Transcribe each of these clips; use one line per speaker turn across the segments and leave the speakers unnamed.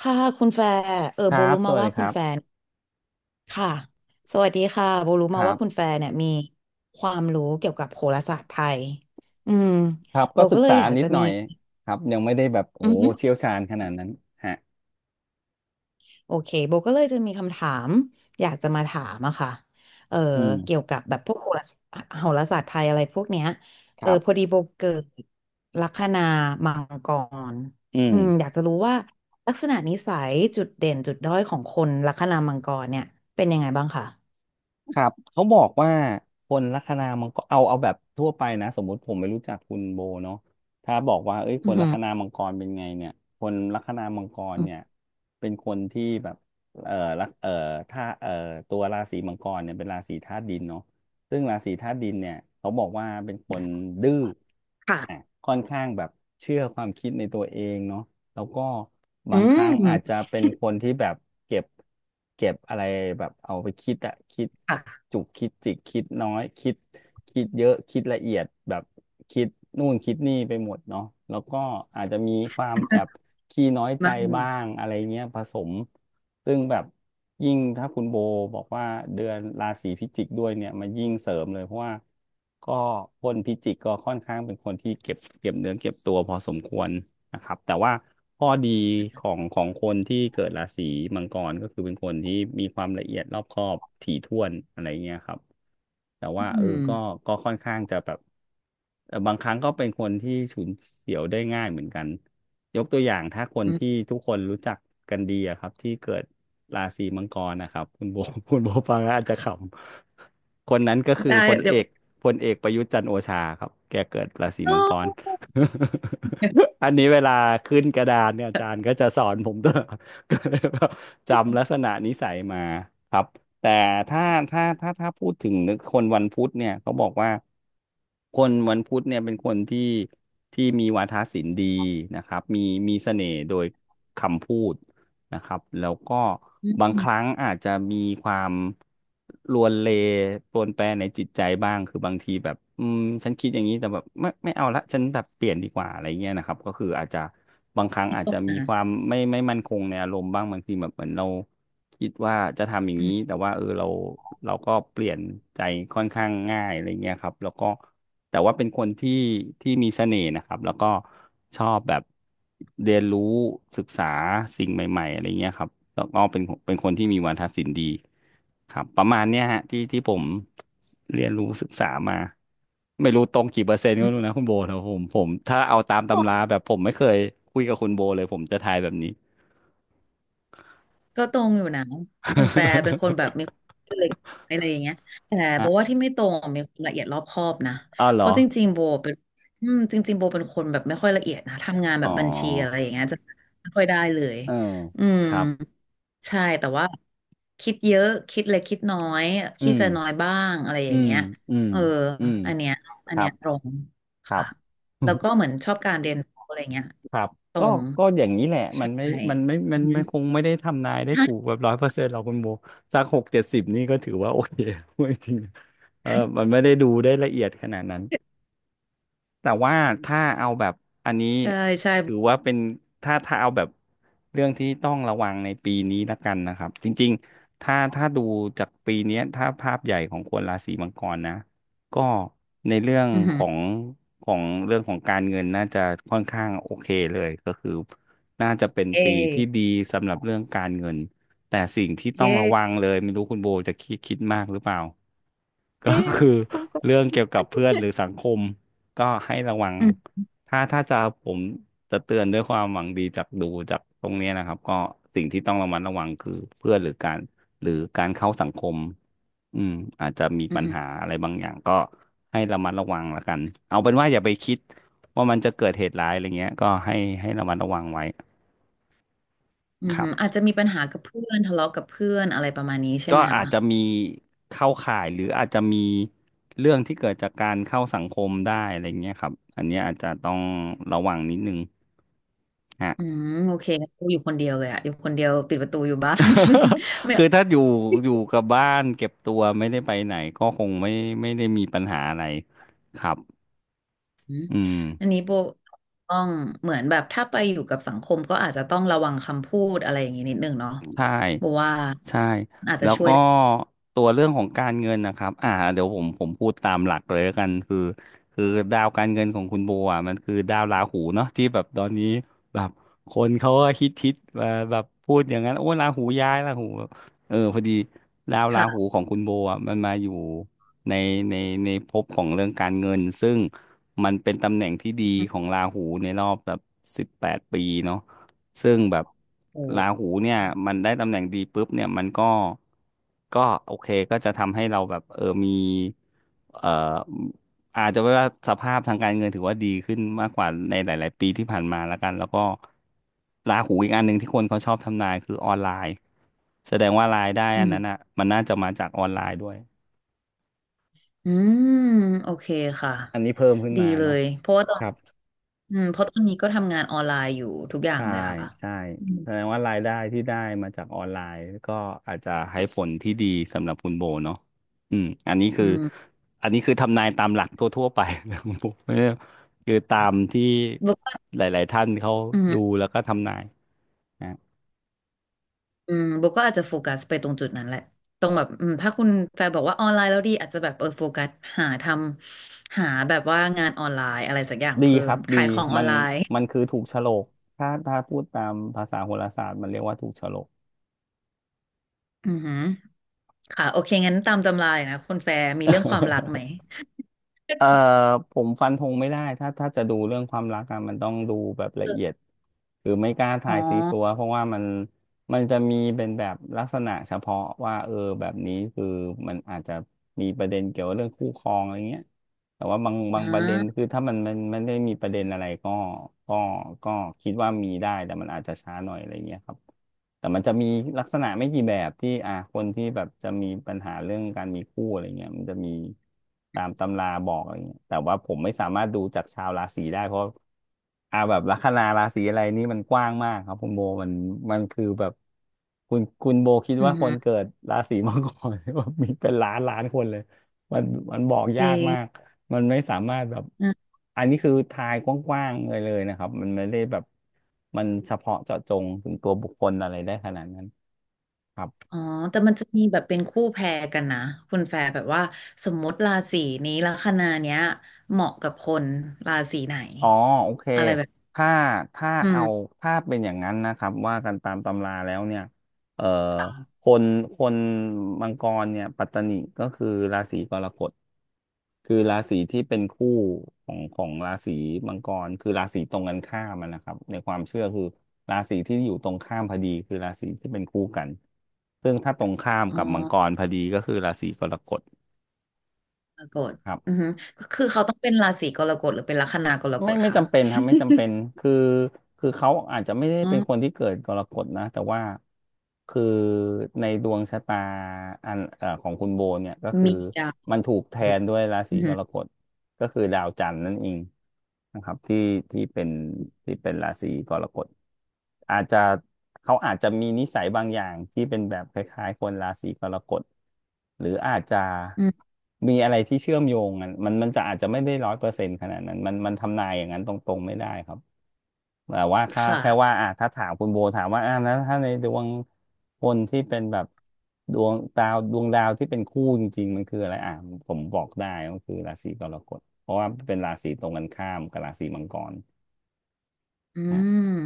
ค่ะคุณแฟร์
ค
โบ
รับ
รู้
ส
มา
วัสดี
ว่า
ค
คุณ
รั
แฟ
บ
นค่ะสวัสดีค่ะโบรู้
ค
มา
รั
ว่าคุณแฟ
บ
นเนี่ยมีความรู้เกี่ยวกับโหราศาสตร์ไทยอืม
ครับ
โบ
ก็ศึ
ก็
ก
เลย
ษา
อยาก
นิด
จะ
หน่
มี
อยครับยังไม่ได้แบบโอ้
อื
โห
อหือ
เชี่ยวชาญขนาดนั้นฮะ
โอเคโบก็เลยจะมีคำถามอยากจะมาถามอะค่ะเออ
อืม
เกี่ยวกับแบบพวกโหราศาสตร์โหราศาสตร์ไทยอะไรพวกเนี้ย
ครั
พอดี
บ
โบเกิดลัคนามังกร
อืม
อืมอยากจะรู้ว่าลักษณะนิสัยจุดเด่นจุดด้อยของคนลัคนามังกรเนี่ยเป็นยังไงบ้างคะ
ครับเขาบอกว่าคนลัคนามังกรเอาแบบทั่วไปนะสมมุติผมไม่รู้จักคุณโบเนาะถ้าบอกว่าเอ้ยค
อื
นลัคนา
ม
มังกรเป็นไงเนี่ยคนลัคนามังกรเนี่ยเป็นคนที่แบบเอ่อลักเอ่อถ้าเอ่อตัวราศีมังกรเนี่ยเป็นราศีธาตุดินเนาะซึ่งราศีธาตุดินเนี่ยเขาบอกว่าเป็นคนดื้ออ่ะ
ค่ะ
ค่อนข้างแบบเชื่อความคิดในตัวเองเนาะ แล้วก็
อื
บางครั้งอาจจะ
ม
เป็นคนที่แบบเก็บอะไรแบบเอาไปคิดอะคิด
ค่ะ
จุกคิดจิกคิดน้อยคิดคิดเยอะคิดละเอียดแบบคิดนู่นคิดนี่ไปหมดเนาะแล้วก็อาจจะมีความแอบขี้น้อยใจ
มา
บ้างอะไรเงี้ยผสม ซึ่งแบบยิ่งถ้าคุณโบบอกว่าเดือนราศีพิจิกด้วยเนี่ยมันยิ่งเสริมเลยเพราะว่าก็คนพิจิกก็ค่อนข้างเป็นคนที่เก็บเก็บเนื้อเก็บตัวพอสมควรนะครับแต่ว่าข้อดีของคนที่เกิดราศีมังกรก็คือเป็นคนที่มีความละเอียดรอบคอบถี่ถ้วนอะไรเงี้ยครับแต่
อื
ว่าเออ
ม
ก็ค่อนข้างจะแบบ บางครั้งก็เป็นคนที่ฉุนเฉียวได้ง่ายเหมือนกันยกตัวอย่างถ้าคน
อื
ที่
ม
ทุกคนรู้จักกันดีอะครับที่เกิดราศีมังกรนะครับคุณโบ คุณโบฟังแล้วอาจจะขำคนนั้นก็คือ
ได้
พล
เดี๋
เอ
ยวก็
กพลเอกประยุทธ์จันทร์โอชาครับแกเกิดราศีมังกร อันนี้เวลาขึ้นกระดานเนี่ยอาจารย์ก็จะสอนผมตลอด ก็เลยแบบจำลักษณะนิสัยมาครับ แต่ถ้าถ้าพูดถึงคนวันพุธเนี่ยเขาบอกว่าคนวันพุธเนี่ยเป็นคนที่ที่มีวาทศิลป์ดีนะครับมีเสน่ห์โดยคำพูด นะครับแล้วก็บางครั้งอาจจะมีความลวนเลปรวนแปรในจิตใจบ้างคือบางทีแบบอืมฉันคิดอย่างนี้แต่แบบไม่เอาละฉันแบบเปลี่ยนดีกว่าอะไรเงี้ยนะครับก็คืออาจจะบางครั้ง
นิด
อาจ
ต่
จะ
น
มีค
นะ
วามไม่มั่นคงในอารมณ์บ้างบางทีแบบเหมือนเราคิดว่าจะทำอย่าง
อื
นี้
ม
แต่ว่าเออเราก็เปลี่ยนใจค่อนข้างง่ายอะไรเงี้ยครับแล้วก็ แต่ว่าเป็นคนที่ที่มีเสน่ห์นะครับแล้วก็ชอบแบบเรียนรู้ศึกษาสิ่งใหม่ๆอะไรเงี้ยครับแล้วก็เป็นคนที่มีวาทศิลป์ดีครับประมาณเนี้ยฮะที่ที่ผมเรียนรู้ศึกษามาไม่รู้ตรงกี่เปอร์เซ็นต์ก็
อื
ไม่รู้
ม
นะคุณโบแต่ผมถ้าเอาตามตำราแบบผมไม่เคยคุยกับคุณโบเลยผมจะทายแบบนี้
ก็ตรงอยู่นะคุณแฟร์เป็นคนแบบมีความเล็กอะไรอย่างเงี้ยแต่ โบ
อ่ะ
ว่าที่ไม่ตรงอะมีความละเอียดรอบคอบนะ
อ้าวเหร
เพ
อ
ราะจริงๆโบเป็นคนแบบไม่ค่อยละเอียดนะทำงานแบ
อ๋อ
บบัญชีอะไรอย่างเงี้ยจะไม่ค่อยได้เลย
เออ
อืม
ครับ
ใช่แต่ว่าคิดเยอะคิดเล็กคิดน้อย
อื
คิด
ม
จะน้อยบ้างอะไรอ
อื
ย่าง
ม
เงี้ย
อืม
เออ
อืม
อันเนี้ย
ค
อัน
รั
เนี้
บ
ยตรง
ครั
ค่ะ
บ
แล้วก็เห มือนชอบการเรียนรู้อะไรเงี้ย
ครับ
ตร
ก็
ง
ก็อย่างนี้แหละมั
ใช่
นไม่มันไม่มั
อือ
น
ฮึ
มันคงไม่ได้ทำนายได้ถู ก
ใช
แบบร้อยเปอร์เซ็นต์หรอกคุณโบสักหกเจ็ดสิบนี่ก็ถือว่าโอเค พูดจริงๆเออมันไม่ได้ดูได้ละเอียดขนาดนั้น แต่ว่าถ้าเอาแบบอันนี้
่ใช่
ถือว่าเป็นถ้าเอาแบบเรื่องที่ต้องระวังในปีนี้ละกันนะครับจริงๆถ้าดูจากปีเนี้ยถ้าภาพใหญ่ของคนราศีมังกรนะก็ในเรื่อง
อือ
ข
หือ
องของเรื่องของการเงินน่าจะค่อนข้างโอเคเลยก็คือน่าจะเป็น
เ
ปีที่
อ
ดีสำหรับเรื่องการเงินแต่สิ่งที่ต้อง
เย่
ระวังเลยไม่รู้คุณโบจะคิดมากหรือเปล่า ก็
เอ้ย
คือ
ก็
เรื่องเกี่ยวกับเพื่อนหรือสังคมก็ให้ระวัง
อืม
ถ้าถ้าจะผมจะเตือนด้วยความหวังดีจากดูจากตรงเนี้ยนะครับก็สิ่งที่ต้องระมัดระวังคือเพื่อนหรือการเข้าสังคมอืมอาจจะมี
อื
ปั
อ
ญ
หือ
หาอะไรบางอย่างก็ให้ระมัดระวังละกันเอาเป็นว่าอย่าไปคิดว่ามันจะเกิดเหตุร้ายอะไรเงี้ยก็ให้ระมัดระวังไว้
อือ
ครั
หื
บ
ออาจจะมีปัญหากับเพื่อนทะเลาะกับเพื่อนอะไรประมาณนี้ใช่
ก็
ไหมคะ
อาจจะมีเข้าข่ายหรืออาจจะมีเรื่องที่เกิดจากการเข้าสังคมได้อะไรเงี้ยครับอันเนี้ยอาจจะต้องระวังนิดนึงฮะ
อืม โอเคงั้นกูอยู่คนเดียวเลยอะอยู่คนเดียวปิดประตูอยู่บ้าน ไม่
คือถ้าอยู่กับบ้านเก็บตัวไม่ได้ไปไหนก็คงไม่ได้มีปัญหาอะไรครับ
อืม
อืม
อันนี้โบต้องเหมือนแบบถ้าไปอยู่กับสังคมก็อาจจะต้องระวังคำพูดอะไรอย่างนี้นิดนึงเนาะ
ใช่
โบว่า
ใช่
อาจจะ
แล้ว
ช่วย
ก็
ได้
ตัวเรื่องของการเงินนะครับอ่าเดี๋ยวผมพูดตามหลักเลยแล้วกันคือดาวการเงินของคุณโบอ่ะมันคือดาวราหูเนาะที่แบบตอนนี้แบบคนเขาก็คิดแบบพูดอย่างนั้นโอ้ราหูย้ายราหูเออพอดีดาวราหู
ค่ะ
ของคุณโบอ่ะมันมาอยู่ในในในภพของเรื่องการเงินซึ่งมันเป็นตำแหน่งที่ดี
อื
ของ
ม
ราหูในรอบแบบ18 ปีเนาะ ซึ่งแบบ
โอ้
ราหูเนี่ย
อ
มันได้ตำแหน่งดีปุ๊บเนี่ยมันก็โอเคก็จะทำให้เราแบบเออมีเอ่ออาจจะว่าสภาพทางการเงินถือว่าดีขึ้นมากกว่าในหลายๆปีที่ผ่านมาแล้วกันแล้วก็ราหูอีกอันหนึ่งที่คนเขาชอบทำนายคือออนไลน์แสดงว่ารายได้
ื
อันนั้น
ม
อ่ะมันน่าจะมาจากออนไลน์ด้วย
อืมโอเคค่ะ
อันนี้เพิ่มขึ้น
ดี
มา
เล
เนาะ
ยเพราะว่าตอ
ค
น
รับ
อืมเพราะตอนนี้ก็ทำงานออนไลน์อยู่ทุกอย่าง
ใช่
เลยค่ะ
ใช่
อืม
แสดงว่ารายได้ที่ได้มาจากออนไลน์ก็อาจจะให้ผลที่ดีสำหรับคุณโบเนาะอืมอันนี้
อื
คือ
ม
อันนี้คือทำนายตามหลักทั่วๆไป นะคุณโบไม่ได้คือตามที่
โบก็
หลายๆท่านเขา
อื
ดู
ม
แล้วก็ทำนายนะ
โบก็อาจจะโฟกัสไปตรงจุดนั้นแหละตรงแบบถ้าคุณแฟนบอกว่าออนไลน์แล้วดีอาจจะแบบโฟกัสหาทำหาแบบว่างานออนไลน์อะไรสักอย่าง
ดี
เพิ่
ค
ม
รับดี
ขายของอ
มั
อน
น
ไลน์
มันคือถูกโฉลกถ้าพูดตามภาษาโหราศาสตร์มันเรียกว่าถูกโฉลก
อือหือค่ะโอเคงั้นตามตำราเลยนะคุณแฟร์มีเรื่องความรักไหม
เอ่อผมฟันธงไม่ได้ถ้าจะดูเรื่องความรักอะมันต้องดูแบบละเอียดหรือไม่กล้า
อ๋
ทา
อ
ยซีซัวเพราะว่ามันจะมีเป็นแบบลักษณะเฉพาะว่าเออแบบนี้คือมันอาจจะมีประเด็นเกี่ยวกับเรื่องคู่ครองอะไรเงี้ยแต่ว่าบางบา
อ่
งประเด็น
า
คือถ้ามันไม่ได้มีประเด็นอะไรก็ก็ก็คิดว่ามีได้แต่มันอาจจะช้าหน่อยอะไรเงี้ยครับ แต่มันจะมีลักษณะไม่กี่แบบที่คนที่แบบจะมีปัญหาเรื่องการมีคู่อะไรเงี้ยมันจะมีตามตำราบอกอะไรเงี้ยแต่ว่าผมไม่สามารถดูจากชาวราศีได้เพราะแบบลัคนาราศีอะไรนี่มันกว้างมากครับคุณโบมันมันคือแบบคุณโบคิด
อื
ว่า
อ
ค
หื
น
อ
เกิดราศีมังกร ว่ามีเป็นล้านล้านคนเลยมันมันบอก
จ
ยา
ริ
ก
ง
มาก มันไม่สามารถแบบอันนี้คือทายกว้างๆเลยนะครับมันไม่ได้แบบมันเฉพาะเจาะจงถึงตัวบุคคลอะไรได้ขนาดนั้นครับ
อ๋อแต่มันจะมีแบบเป็นคู่แพรกันนะคุณแฟร์แบบว่าสมมติราศีนี้ลัคนาเนี้ยเหมาะกับคนราศีไหน
อ๋อโอเค
อะไรแบบ
ถ้าถ้า
อื
เอา
ม
ถ้าเป็นอย่างนั้นนะครับว่ากันตามตำราแล้วเนี่ยเอ่อ
ค่ะ
คนคนมังกรเนี่ยปัตตนิก็คือราศีกรกฎ คือราศีที่เป็นคู่ของราศีมังกรคือราศีตรงกันข้ามอะนะครับในความเชื่อคือราศีที่อยู่ตรงข้ามพอดีคือราศีที่เป็นคู่กันซึ่งถ้าตรงข้าม
อ๋อ
กับมังกรพอดีก็คือราศีกรกฎ
กรกฎ
ครับ
อือฮึก็คือเขาต้องเป็นราศีกรกฎหรือเป็นลัคนากรก
ไม่
ฎ
ไม่
ค่ะ
จำเป็นครับไม่จำเป็นคือคือเขาอาจจะไม่ได้
อื
เป็นคน
ม
ที่เกิดกรกฎนะแต่ว่าคือในดวงชะตาอันของคุณโบเนี่ยก็คือ
มีดาว
มันถูกแทนด้วยราศี
อือ
ก
ฮึ
รกฎ ก็คือดาวจันทร์นั่นเองนะครับที่ที่เป็นที่เป็นราศีกรกฎอาจจะเขาอาจจะมีนิสัยบางอย่างที่เป็นแบบคล้ายๆคนราศีกรกฎหรืออาจจะ
อืม
มีอะไรที่เชื่อมโยงกันมันจะอาจจะไม่ได้100%ขนาดนั้นมันทำนายอย่างนั้นตรงๆไม่ได้ครับ แต่ว่าค่า
ค่ะ
แค่ว่าอ่ะถ้าถามคุณโบถามว่าอ่ะแล้วถ้าในดวงคนที่เป็นแบบดวงดาวที่เป็นคู่จริงๆมันคืออะไรอ่ะผมบอกได้ก็คือราศีกรกฎเพราะว่าเป็นราศีตรงกันข้ามกับราศีมังกร
อื
นะ
ม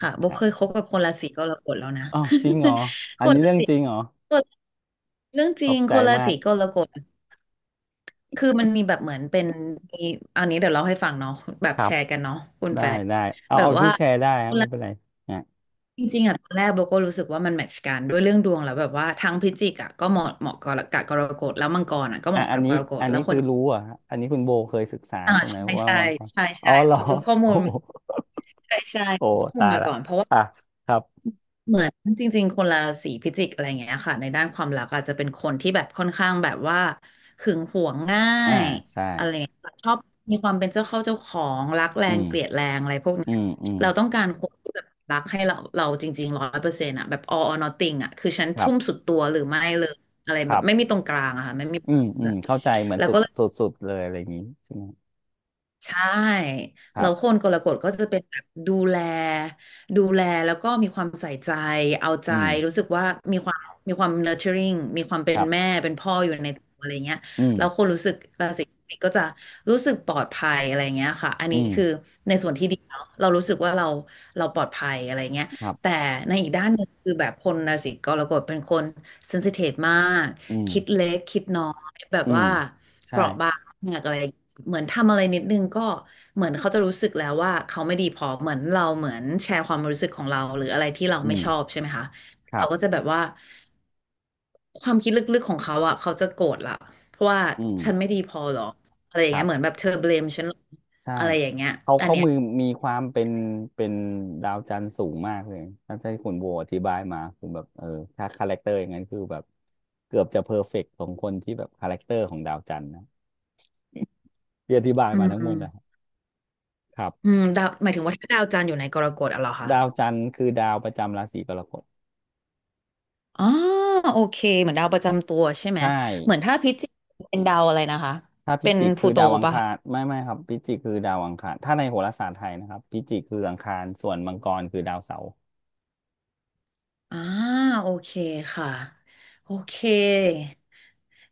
ค่ะโบ
ครั
เคยค
บ
บกับคนราศีกรกฎแล้วนะ
อ๋อจริงเหรอ
ค
อัน
น
นี้
รา
เรื่อง
ศี
จริงเหรอ
คนเรื่องจ
ข
ริ
อ
ง
บใจ
คนรา
มา
ศี
ก
กรกฎ คือมันมีแบบเหมือนเป็นมีอันนี้เดี๋ยวเล่าให้ฟังเนาะแบบ
ครั
แช
บ
ร์กันเนาะคุณ
ได้
แฟน
ได้เอา
แบบ
เอา
ว่า
ที่แชร์ได้ครับไม่เป็นไร
จริงๆอ่ะตอนแรกโบก็รู้สึกว่ามันแมทช์กันด้วยเรื่องดวงแล้วแบบว่าทั้งพิจิกอ่ะก็เหมาะเหมาะกับกรกฎแล้วมังกรอ่ะก็เห
อ่ะ
มาะ
อั
กั
น
บก
นี้
รกฎ
อัน
แล้
นี้
วค
คื
น
อรู้เหรอ่ะอันนี้คุณโบเคยศึกษา
อ่า
ใช่ไหม
ใช่
ว่า
ใช่
มังกร
ใช่
อ๋อ
ใช่
เหรอ
คือข้อ
โอ้
มูล
โห
ใช่ใช่
โอ้
มข้อมู
ตา
ล
ย
มา
ละ
ก่อนเพราะว่า
อ่ะครับ
เหมือนจริงๆคนราศีพิจิกอะไรอย่างเงี้ยค่ะในด้านความรักอาจจะเป็นคนที่แบบค่อนข้างแบบว่าหึงหวงง่า
อ่า
ย
ใช่
อะไรอย่างเงี้ยชอบมีความเป็นเจ้าเข้าเจ้าของรักแร
อื
ง
ม
เกลียดแรงอะไรพวก
อื
เนี้ย
มอืม
เราต้องการคนที่แบบรักให้เราเราจริงๆร้อยเปอร์เซ็นต์อะแบบ all or nothing อะคือฉัน
ครั
ทุ่ม
บ
สุดตัวหรือไม่เลยอะไร
ค
แบ
รั
บไม่
บ
มีตรงกลางอะค่ะไม่มี
อืมอืมเข้าใจเหมือน
แล้ว
สุ
ก็
ด
เลย
สุดสุดเลยอะไรอย่างนี้ใช่ไหม
ใช่
ค
แล้
รั
วค
บ
นกรกฎก็จะเป็นแบบดูแลดูแลแล้วก็มีความใส่ใจเอาใจ
อืม
รู้สึกว่ามีความมีความ nurturing มีความ
ค
เป็น
รั
แม่
บ
เป็นพ่ออยู่ในตัวอะไรเงี้ย
อืม
แล้วคนรู้สึกราศีสิงห์ก็จะรู้สึกปลอดภัยอะไรเงี้ยค่ะอัน
อื
นี้คือ
ม
ในส่วนที่ดีเนาะเรารู้สึกว่าเราเราปลอดภัยอะไรเงี้ย
ครั
แต่
บ
ในอีกด้านหนึ่งคือแบบคนราศีกรกฎเป็นคน sensitive มาก
อื
คิด
ม
เล็กคิดน้อยแบบ
อืม
ว่า เป
ใช่
ราะบางมากอะไรเหมือนทำอะไรนิดนึงก็เหมือนเขาจะรู้สึกแล้วว่าเขาไม่ดีพอเหมือนเราเหมือนแชร์ความรู้สึกของเราหรืออะไรที่เรา
อื
ไม่
ม
ชอบใช่ไหมคะ
ครั
เขา
บ
ก็จะแบบว่าความคิดลึกๆของเขาอ่ะเขาจะโกรธละเพราะว่า
อืม
ฉันไม่ดีพอหรออะไรอย่า
ค
ง
รั
เงี้ย
บ
เหมือนแบบเธอเบลมฉันหรอ
ใช่
อะไรอย่างเงี้ย
เขา
อัน
เขา
เนี้ย
มือมีความเป็นเป็นดาวจันทร์สูงมากเลยถ้าที่คุณโบอธิบายมาคือแบบเออถ้าคาแรคเตอร์อย่างนั้นคือแบบเกือบจะเพอร์เฟกต์ของคนที่แบบคาแรคเตอร์ของดาวจันทร์นะที่อธิบาย
อื
มาทั้งหมดนะครับ
ม
ครั
อื
บ
มดาวหมายถึงว่าถ้าดาวจันทร์อยู่ในกรกฎอะเหรอคะ
ดาวจันทร์คือดาวประจำราศีกรกฎ
อ๋อโอเคเหมือนดาวประจำตัวใช่ไหม
ใช่
เหมือนถ้าพิจิกเป็นดาวอะไรนะคะ
ถ้าพิ
เป็น
จิก
พลู
คือ
โต
ดาวอัง
ปะ
คา
คะ
รไม่ครับพิจิกคือดาวอังคารถ้าในโหราศาสตร์ไทยนะครับพิจิกคืออังคารส่วนมังกรคือดาวเสาร์
อ่าโอเคค่ะโอเค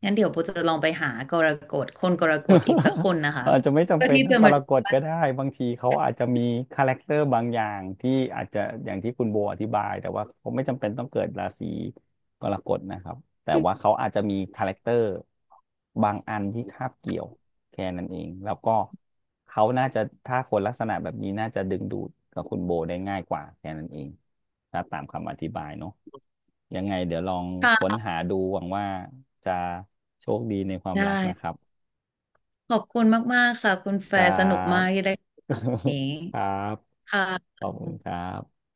งั้นเดี๋ยวโบจะลองไปหากรกฎคนกรกฎอีกสักคนนะ คะ
อาจจะไม่จำ
เพื่อ
เป็น
ที่
ต้อ
จะ
งก
มา
ร
ดู
กฎก็ได้บางทีเขาอาจจะมีคาแรคเตอร์บางอย่างที่อาจจะอย่างที่คุณโบอธิบายแต่ว่าเขาไม่จำเป็นต้องเกิดราศีกรกฎนะครับแต่ว่าเขาอาจจะมีคาแรคเตอร์บางอันที่คาบเกี่ยวแค่นั้นเองแล้วก็เขาน่าจะถ้าคนลักษณะแบบนี้น่าจะดึงดูดกับคุณโบได้ง่ายกว่าแค่นั้นเองถ้าตามคำอธิบายเนาะยังไงเดี๋ยวลองค้น
ค่ะ
หาดูหวังว่าจะโชคดีในความ
ได
รักนะครั
้
บ
ขอบคุณมากๆค่ะคุณแฟ
ครั
ร์สนุก
บ
มากที่ได้คุยกันวันนี้
ครับ
ค่ะ
ขอบคุณครับ